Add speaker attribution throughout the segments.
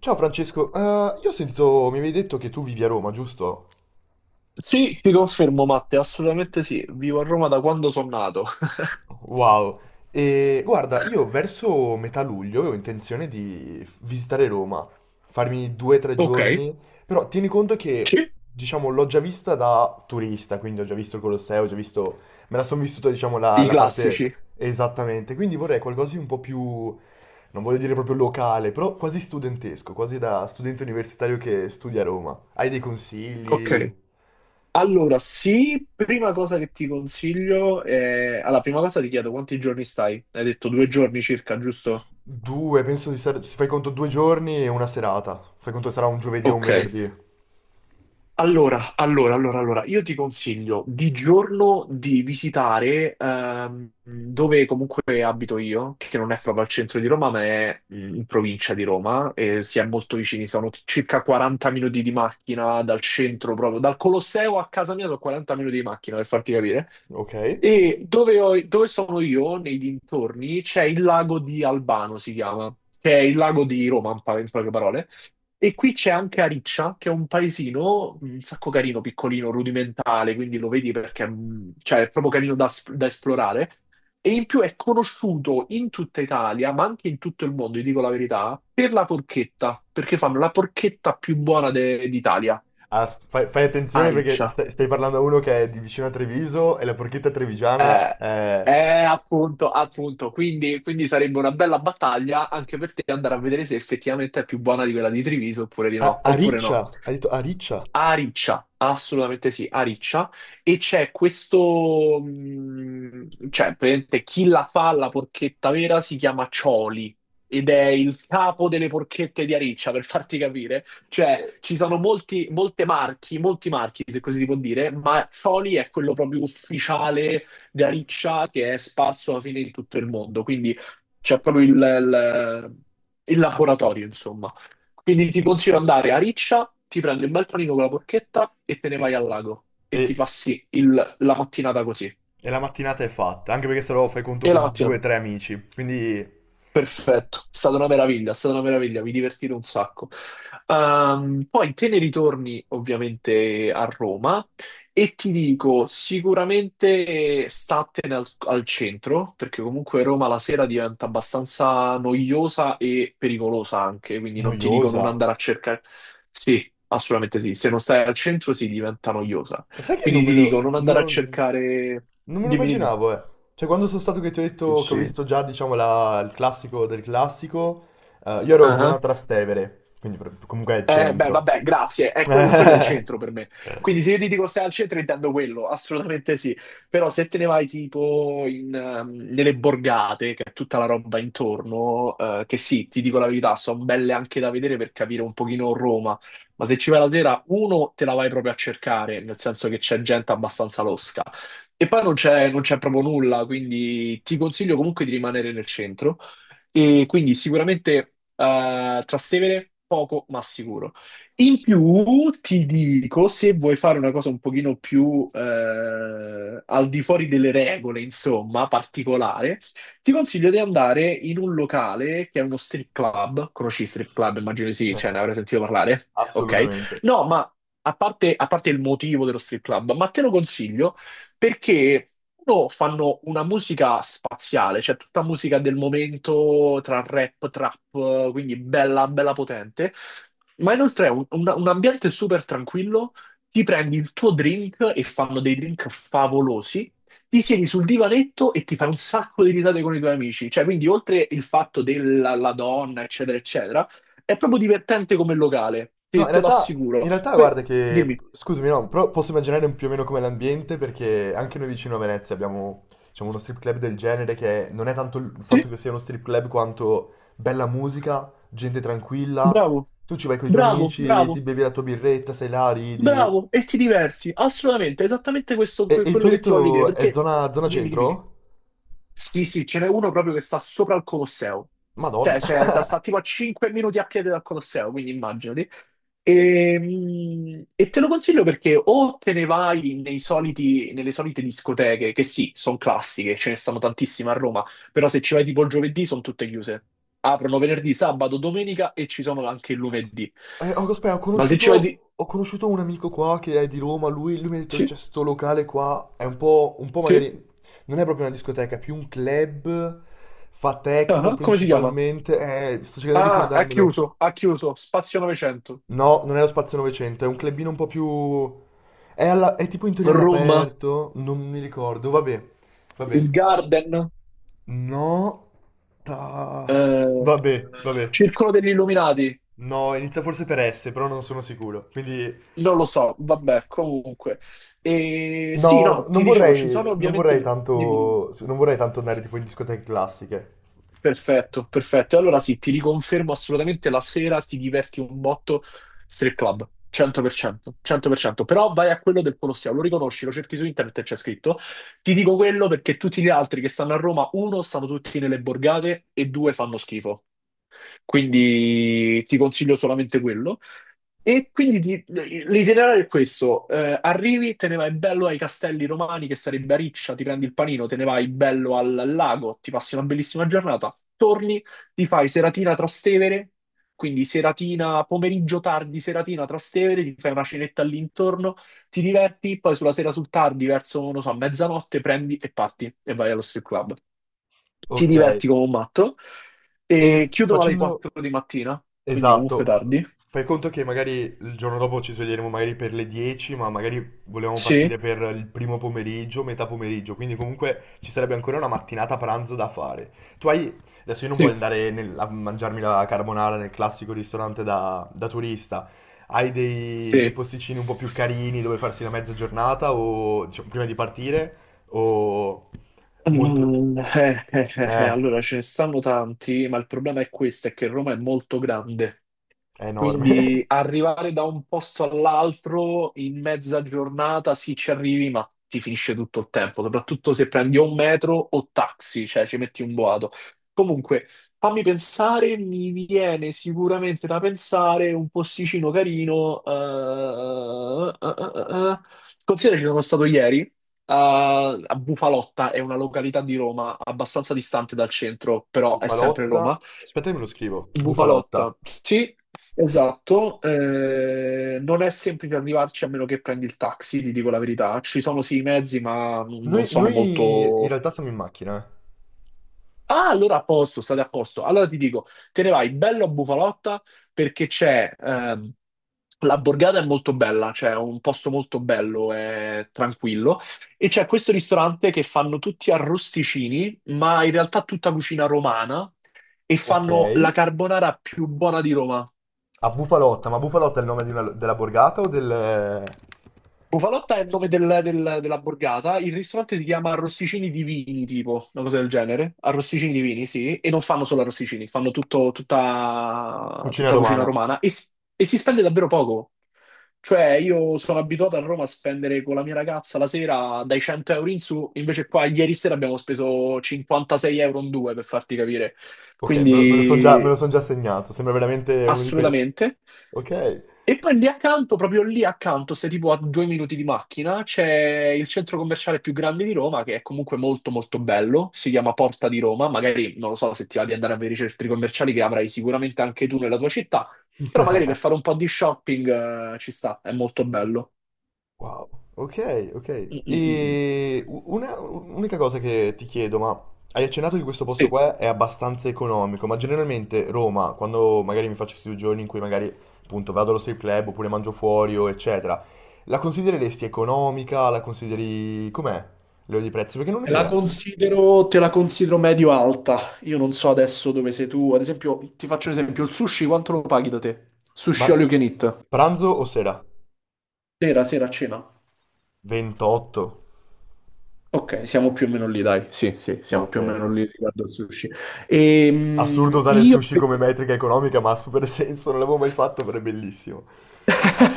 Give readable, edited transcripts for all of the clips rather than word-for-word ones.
Speaker 1: Ciao Francesco, io ho sentito, mi avevi detto che tu vivi a Roma, giusto?
Speaker 2: Sì, ti confermo, Matte, assolutamente sì. Vivo a Roma da quando sono nato.
Speaker 1: Wow. E guarda, io verso metà luglio ho intenzione di visitare Roma, farmi due o tre
Speaker 2: Ok,
Speaker 1: giorni, però tieni conto
Speaker 2: sì,
Speaker 1: che, diciamo, l'ho già vista da turista, quindi ho già visto il Colosseo, ho già visto, me la sono vissuta, diciamo, la,
Speaker 2: I
Speaker 1: la parte
Speaker 2: classici.
Speaker 1: esattamente, quindi vorrei qualcosa di un po' più, non voglio dire proprio locale, però quasi studentesco, quasi da studente universitario che studia a Roma. Hai dei consigli?
Speaker 2: Ok. Allora, sì, prima cosa che ti consiglio è... Allora, prima cosa ti chiedo quanti giorni stai? Hai detto due giorni circa, giusto?
Speaker 1: Due, penso di stare... Se fai conto 2 giorni e una serata. Fai conto sarà un giovedì o un
Speaker 2: Ok,
Speaker 1: venerdì.
Speaker 2: allora, io ti consiglio di giorno di visitare dove comunque abito io, che non è proprio al centro di Roma, ma è in provincia di Roma, e si è molto vicini, sono circa 40 minuti di macchina dal centro, proprio dal Colosseo a casa mia sono 40 minuti di macchina, per farti capire.
Speaker 1: Ok.
Speaker 2: E dove, dove sono io, nei dintorni, c'è il lago di Albano, si chiama, che è il lago di Roma, in poche parole. E qui c'è anche Ariccia, che è un paesino un sacco carino, piccolino, rudimentale, quindi lo vedi perché cioè, è proprio carino da, da esplorare. E in più è conosciuto in tutta Italia, ma anche in tutto il mondo, vi dico la verità, per la porchetta, perché fanno la porchetta più buona d'Italia,
Speaker 1: Ah, fai attenzione perché
Speaker 2: Ariccia.
Speaker 1: stai parlando a uno che è di vicino a Treviso e la porchetta trevigiana
Speaker 2: Eh,
Speaker 1: è...
Speaker 2: eh, appunto, appunto. Quindi, sarebbe una bella battaglia anche per te andare a vedere se effettivamente è più buona di quella di Treviso oppure di
Speaker 1: A,
Speaker 2: no,
Speaker 1: a
Speaker 2: oppure no.
Speaker 1: Riccia, hai detto a Riccia.
Speaker 2: A Riccia, assolutamente sì, a Riccia. E c'è questo, cioè, praticamente chi la fa la porchetta vera si chiama Cioli ed è il capo delle porchette di Ariccia, per farti capire. Cioè, ci sono molti, molte marchi, molti marchi, se così si può dire, ma Cioli è quello proprio ufficiale di Ariccia che è sparso alla fine in tutto il mondo. Quindi c'è proprio il il laboratorio, insomma. Quindi ti consiglio di andare a Riccia, ti prendi un bel panino con la porchetta e te ne vai al lago
Speaker 1: E,
Speaker 2: e ti passi la mattinata così.
Speaker 1: e la mattinata è fatta, anche perché se no fai conto
Speaker 2: E la
Speaker 1: con due o
Speaker 2: mattinata
Speaker 1: tre amici, quindi
Speaker 2: perfetto, è stata una meraviglia, è stata una meraviglia, mi divertite un sacco. Poi te ne ritorni ovviamente a Roma e ti dico sicuramente statene al centro, perché comunque Roma la sera diventa abbastanza noiosa e pericolosa anche, quindi non ti dico non
Speaker 1: noiosa.
Speaker 2: andare a cercare. Sì, assolutamente sì, se non stai al centro si diventa noiosa.
Speaker 1: Ma sai che
Speaker 2: Quindi
Speaker 1: non me
Speaker 2: ti dico
Speaker 1: lo...
Speaker 2: non andare a
Speaker 1: Non,
Speaker 2: cercare.
Speaker 1: non me lo
Speaker 2: Dimmi, dimmi.
Speaker 1: immaginavo, eh. Cioè, quando sono stato che ti ho
Speaker 2: Sì,
Speaker 1: detto che ho
Speaker 2: sì.
Speaker 1: visto già, diciamo, il classico del classico, io ero zona Trastevere, quindi comunque è il
Speaker 2: Beh,
Speaker 1: centro.
Speaker 2: vabbè, grazie. È quello è il centro per me. Quindi se io ti dico stai al centro, intendo quello, assolutamente sì. Però se te ne vai tipo in, nelle borgate, che è tutta la roba intorno, che sì, ti dico la verità, sono belle anche da vedere per capire un pochino Roma. Ma se ci vai la sera, uno, te la vai proprio a cercare, nel senso che c'è gente abbastanza losca. E poi non c'è proprio nulla, quindi ti consiglio comunque di rimanere nel centro. E quindi sicuramente Trastevere poco ma sicuro. In più ti dico, se vuoi fare una cosa un pochino più al di fuori delle regole, insomma, particolare, ti consiglio di andare in un locale che è uno strip club. Conosci i strip club? Immagino di sì, cioè ne avrai sentito parlare. Ok?
Speaker 1: Assolutamente.
Speaker 2: No, ma a parte il motivo dello strip club, ma te lo consiglio perché loro fanno una musica spaziale, cioè tutta musica del momento tra rap, trap, quindi bella, bella potente. Ma inoltre è un un ambiente super tranquillo, ti prendi il tuo drink e fanno dei drink favolosi, ti siedi sul divanetto e ti fai un sacco di risate con i tuoi amici. Cioè, quindi oltre il fatto della la donna, eccetera, eccetera, è proprio divertente come locale,
Speaker 1: No,
Speaker 2: te,
Speaker 1: in
Speaker 2: te lo
Speaker 1: realtà, in
Speaker 2: assicuro.
Speaker 1: realtà
Speaker 2: Poi
Speaker 1: guarda che,
Speaker 2: dimmi,
Speaker 1: scusami, no, però posso immaginare un più o meno come l'ambiente perché anche noi vicino a Venezia abbiamo, diciamo, uno strip club del genere non è tanto il fatto
Speaker 2: sì,
Speaker 1: che sia uno strip club quanto bella musica, gente tranquilla,
Speaker 2: bravo.
Speaker 1: tu ci vai con i tuoi
Speaker 2: Bravo,
Speaker 1: amici, ti
Speaker 2: bravo.
Speaker 1: bevi la tua birretta, sei là, ridi.
Speaker 2: Bravo, e ti diverti, assolutamente, esattamente questo,
Speaker 1: E, e tu
Speaker 2: quello
Speaker 1: hai
Speaker 2: che ti voglio dire,
Speaker 1: detto è
Speaker 2: perché
Speaker 1: zona
Speaker 2: dimmi, dimmi.
Speaker 1: centro?
Speaker 2: Sì, sì, ce n'è uno proprio che sta sopra il Colosseo,
Speaker 1: Madonna.
Speaker 2: cioè, sta tipo a 5 minuti a piedi dal Colosseo, quindi immaginati. E, e te lo consiglio perché o te ne vai nei nelle solite discoteche, che sì, sono classiche, ce ne stanno tantissime a Roma, però se ci vai tipo il giovedì sono tutte chiuse. Aprono venerdì, sabato, domenica e ci sono anche il
Speaker 1: Cazzo.
Speaker 2: lunedì.
Speaker 1: Oh, aspetta, ho
Speaker 2: Ma se ci vai di...
Speaker 1: conosciuto, ho conosciuto un amico qua che è di Roma, lui mi ha detto che
Speaker 2: Sì,
Speaker 1: c'è sto locale qua, è un po'
Speaker 2: sì.
Speaker 1: magari, non è proprio una discoteca, è più un club, fa techno
Speaker 2: Ah, come si chiama?
Speaker 1: principalmente, sto cercando di
Speaker 2: Ah, ha
Speaker 1: ricordarmelo.
Speaker 2: chiuso, ha chiuso. Spazio 900.
Speaker 1: No, non è lo Spazio 900, è un clubino un po' più... È, è tipo in teoria
Speaker 2: Room,
Speaker 1: all'aperto, non mi ricordo, vabbè, vabbè.
Speaker 2: il Garden,
Speaker 1: No, ta...
Speaker 2: eh,
Speaker 1: Vabbè, vabbè.
Speaker 2: Circolo degli Illuminati.
Speaker 1: No, inizia forse per S, però non sono sicuro, quindi...
Speaker 2: Non lo so, vabbè, comunque. E, sì,
Speaker 1: No,
Speaker 2: no, ti dicevo, ci sono ovviamente... le- Dimmi, dimmi.
Speaker 1: non vorrei tanto andare tipo in discoteche classiche.
Speaker 2: Perfetto, perfetto. E allora sì, ti riconfermo assolutamente la sera ti diverti un botto strip club, 100%, 100%. Però vai a quello del Colosseo, lo riconosci, lo cerchi su internet e c'è scritto. Ti dico quello perché tutti gli altri che stanno a Roma, uno, stanno tutti nelle borgate e due, fanno schifo. Quindi ti consiglio solamente quello. E quindi l'itinerario è questo: eh, arrivi, te ne vai bello ai Castelli Romani, che sarebbe a Riccia, ti prendi il panino, te ne vai bello al lago, ti passi una bellissima giornata, torni, ti fai seratina Trastevere, quindi seratina, pomeriggio tardi, seratina Trastevere, ti fai una cenetta all'intorno, ti diverti, poi sulla sera sul tardi, verso, non so, mezzanotte, prendi e parti e vai allo strip club, ti
Speaker 1: Ok.
Speaker 2: diverti come un matto
Speaker 1: E
Speaker 2: e chiudono alle
Speaker 1: facendo,
Speaker 2: 4 di mattina, quindi comunque
Speaker 1: Esatto,
Speaker 2: tardi.
Speaker 1: fai conto che magari il giorno dopo ci sveglieremo magari per le 10, ma magari volevamo
Speaker 2: Sì,
Speaker 1: partire per il primo pomeriggio, metà pomeriggio, quindi comunque ci sarebbe ancora una mattinata pranzo da fare. Tu hai... Adesso io non voglio
Speaker 2: sì,
Speaker 1: andare a mangiarmi la carbonara nel classico ristorante da turista. Hai dei
Speaker 2: sì.
Speaker 1: posticini un po' più carini dove farsi la mezza giornata o diciamo, prima di partire o molto... Eh,
Speaker 2: Allora ce ne stanno tanti, ma il problema è questo, è che Roma è molto grande.
Speaker 1: è enorme.
Speaker 2: Quindi arrivare da un posto all'altro in mezza giornata, sì, ci arrivi, ma ti finisce tutto il tempo, soprattutto se prendi o un metro o taxi, cioè ci metti un boato. Comunque, fammi pensare, mi viene sicuramente da pensare un posticino carino. Considera ci sono stato ieri a Bufalotta, è una località di Roma abbastanza distante dal centro, però è sempre
Speaker 1: Bufalotta.
Speaker 2: Roma.
Speaker 1: Aspetta che me lo scrivo. Bufalotta.
Speaker 2: Bufalotta, sì, esatto. Eh, non è semplice arrivarci a meno che prendi il taxi, ti dico la verità. Ci sono sì i mezzi, ma non
Speaker 1: Noi,
Speaker 2: sono
Speaker 1: noi in
Speaker 2: molto.
Speaker 1: realtà siamo in macchina. Eh.
Speaker 2: Ah, allora a posto, state a posto. Allora ti dico, te ne vai bello a Bufalotta perché c'è. La borgata è molto bella, cioè è un posto molto bello e tranquillo. E c'è questo ristorante che fanno tutti arrosticini, ma in realtà tutta cucina romana. E
Speaker 1: Ok.
Speaker 2: fanno la carbonara più buona di Roma.
Speaker 1: A Bufalotta, ma Bufalotta è il nome di della borgata o del
Speaker 2: Bufalotta è il nome della borgata, il ristorante si chiama Arrosticini di Vini, tipo, una cosa del genere. Arrosticini di Vini, sì, e non fanno solo arrosticini, fanno tutta,
Speaker 1: cucina
Speaker 2: tutta cucina
Speaker 1: romana?
Speaker 2: romana e si spende davvero poco. Cioè, io sono abituato a Roma a spendere con la mia ragazza la sera dai 100 euro in su, invece qua ieri sera abbiamo speso 56 euro in due, per farti capire.
Speaker 1: Ok, me lo
Speaker 2: Quindi,
Speaker 1: son già segnato, sembra veramente uno di quei...
Speaker 2: assolutamente.
Speaker 1: Ok.
Speaker 2: E poi lì accanto, proprio lì accanto, sei tipo a due minuti di macchina, c'è il centro commerciale più grande di Roma, che è comunque molto molto bello, si chiama Porta di Roma, magari non lo so se ti va di andare a vedere i centri commerciali che avrai sicuramente anche tu nella tua città, però magari per fare un po' di shopping, ci sta, è molto bello.
Speaker 1: Wow, ok, ok.
Speaker 2: Mm, mm, mm, mm.
Speaker 1: E un'unica cosa che ti chiedo, ma hai accennato che questo posto
Speaker 2: Sì.
Speaker 1: qua è abbastanza economico, ma generalmente Roma, quando magari mi faccio questi 2 giorni in cui magari appunto vado allo strip club oppure mangio fuori o eccetera, la considereresti economica? La consideri com'è? Livello di prezzi? Perché non ho idea.
Speaker 2: Te la considero medio-alta. Io non so adesso dove sei tu. Ad esempio, ti faccio un esempio, il sushi quanto lo paghi da te?
Speaker 1: Ma
Speaker 2: Sushi all you can eat.
Speaker 1: pranzo o sera?
Speaker 2: Sera, sera, cena.
Speaker 1: 28?
Speaker 2: Ok, siamo più o meno lì, dai. Sì, sì, siamo
Speaker 1: Ok.
Speaker 2: più o meno lì riguardo al sushi.
Speaker 1: Assurdo usare il
Speaker 2: Io...
Speaker 1: sushi come metrica economica, ma ha super senso, non l'avevo mai fatto, però è bellissimo.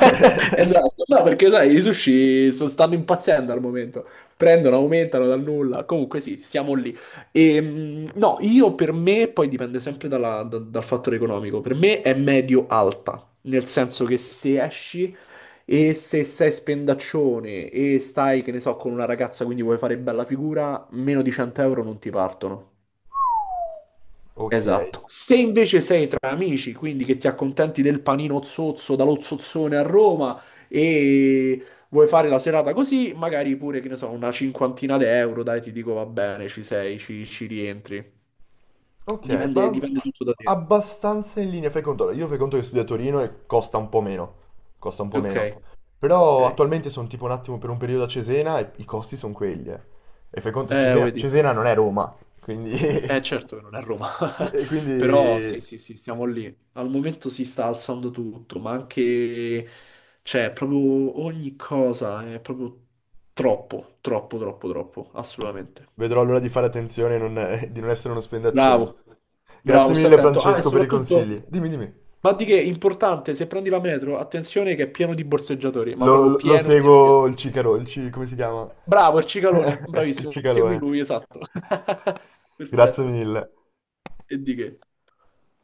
Speaker 2: Esatto, no, perché sai, i sushi stanno impazzendo al momento. Prendono, aumentano dal nulla. Comunque sì, siamo lì. No, io per me, poi dipende sempre dal fattore economico, per me è medio-alta, nel senso che se esci e se sei spendaccione e stai, che ne so, con una ragazza, quindi vuoi fare bella figura, meno di 100 euro non ti partono.
Speaker 1: Ok,
Speaker 2: Esatto. Se invece sei tra amici, quindi che ti accontenti del panino zozzo dallo zozzone a Roma e vuoi fare la serata così, magari pure, che ne so, una cinquantina di euro, dai, ti dico va bene, ci sei, ci rientri.
Speaker 1: ok,
Speaker 2: Dipende,
Speaker 1: ma
Speaker 2: dipende tutto da te.
Speaker 1: abbastanza in linea, fai conto. Allora, io fai conto che studio a Torino e costa un po' meno, costa un po'
Speaker 2: Ok,
Speaker 1: meno. Però
Speaker 2: ok.
Speaker 1: attualmente sono tipo un attimo per un periodo a Cesena e i costi sono quelli, eh. E fai conto che Cesena,
Speaker 2: Vedi.
Speaker 1: Cesena non è Roma, quindi...
Speaker 2: Eh certo che non è Roma,
Speaker 1: e
Speaker 2: però sì
Speaker 1: quindi
Speaker 2: sì sì, siamo lì. Al momento si sta alzando tutto, ma anche, cioè, proprio ogni cosa è proprio troppo, troppo, troppo, troppo, assolutamente.
Speaker 1: vedrò allora di fare attenzione e di non essere uno spendaccione.
Speaker 2: Bravo,
Speaker 1: Grazie
Speaker 2: bravo, stai
Speaker 1: mille
Speaker 2: attento. Ah, e
Speaker 1: Francesco per i
Speaker 2: soprattutto,
Speaker 1: consigli. Dimmi, dimmi.
Speaker 2: ma di che, importante, se prendi la metro, attenzione che è pieno di borseggiatori, ma proprio
Speaker 1: Lo
Speaker 2: pieno, pieno, pieno.
Speaker 1: seguo il Cicaro, come si chiama?
Speaker 2: Bravo, il cicalone,
Speaker 1: Il
Speaker 2: bravissimo, segui
Speaker 1: Cicalone.
Speaker 2: lui, esatto.
Speaker 1: Grazie
Speaker 2: Perfetto,
Speaker 1: mille.
Speaker 2: e di che.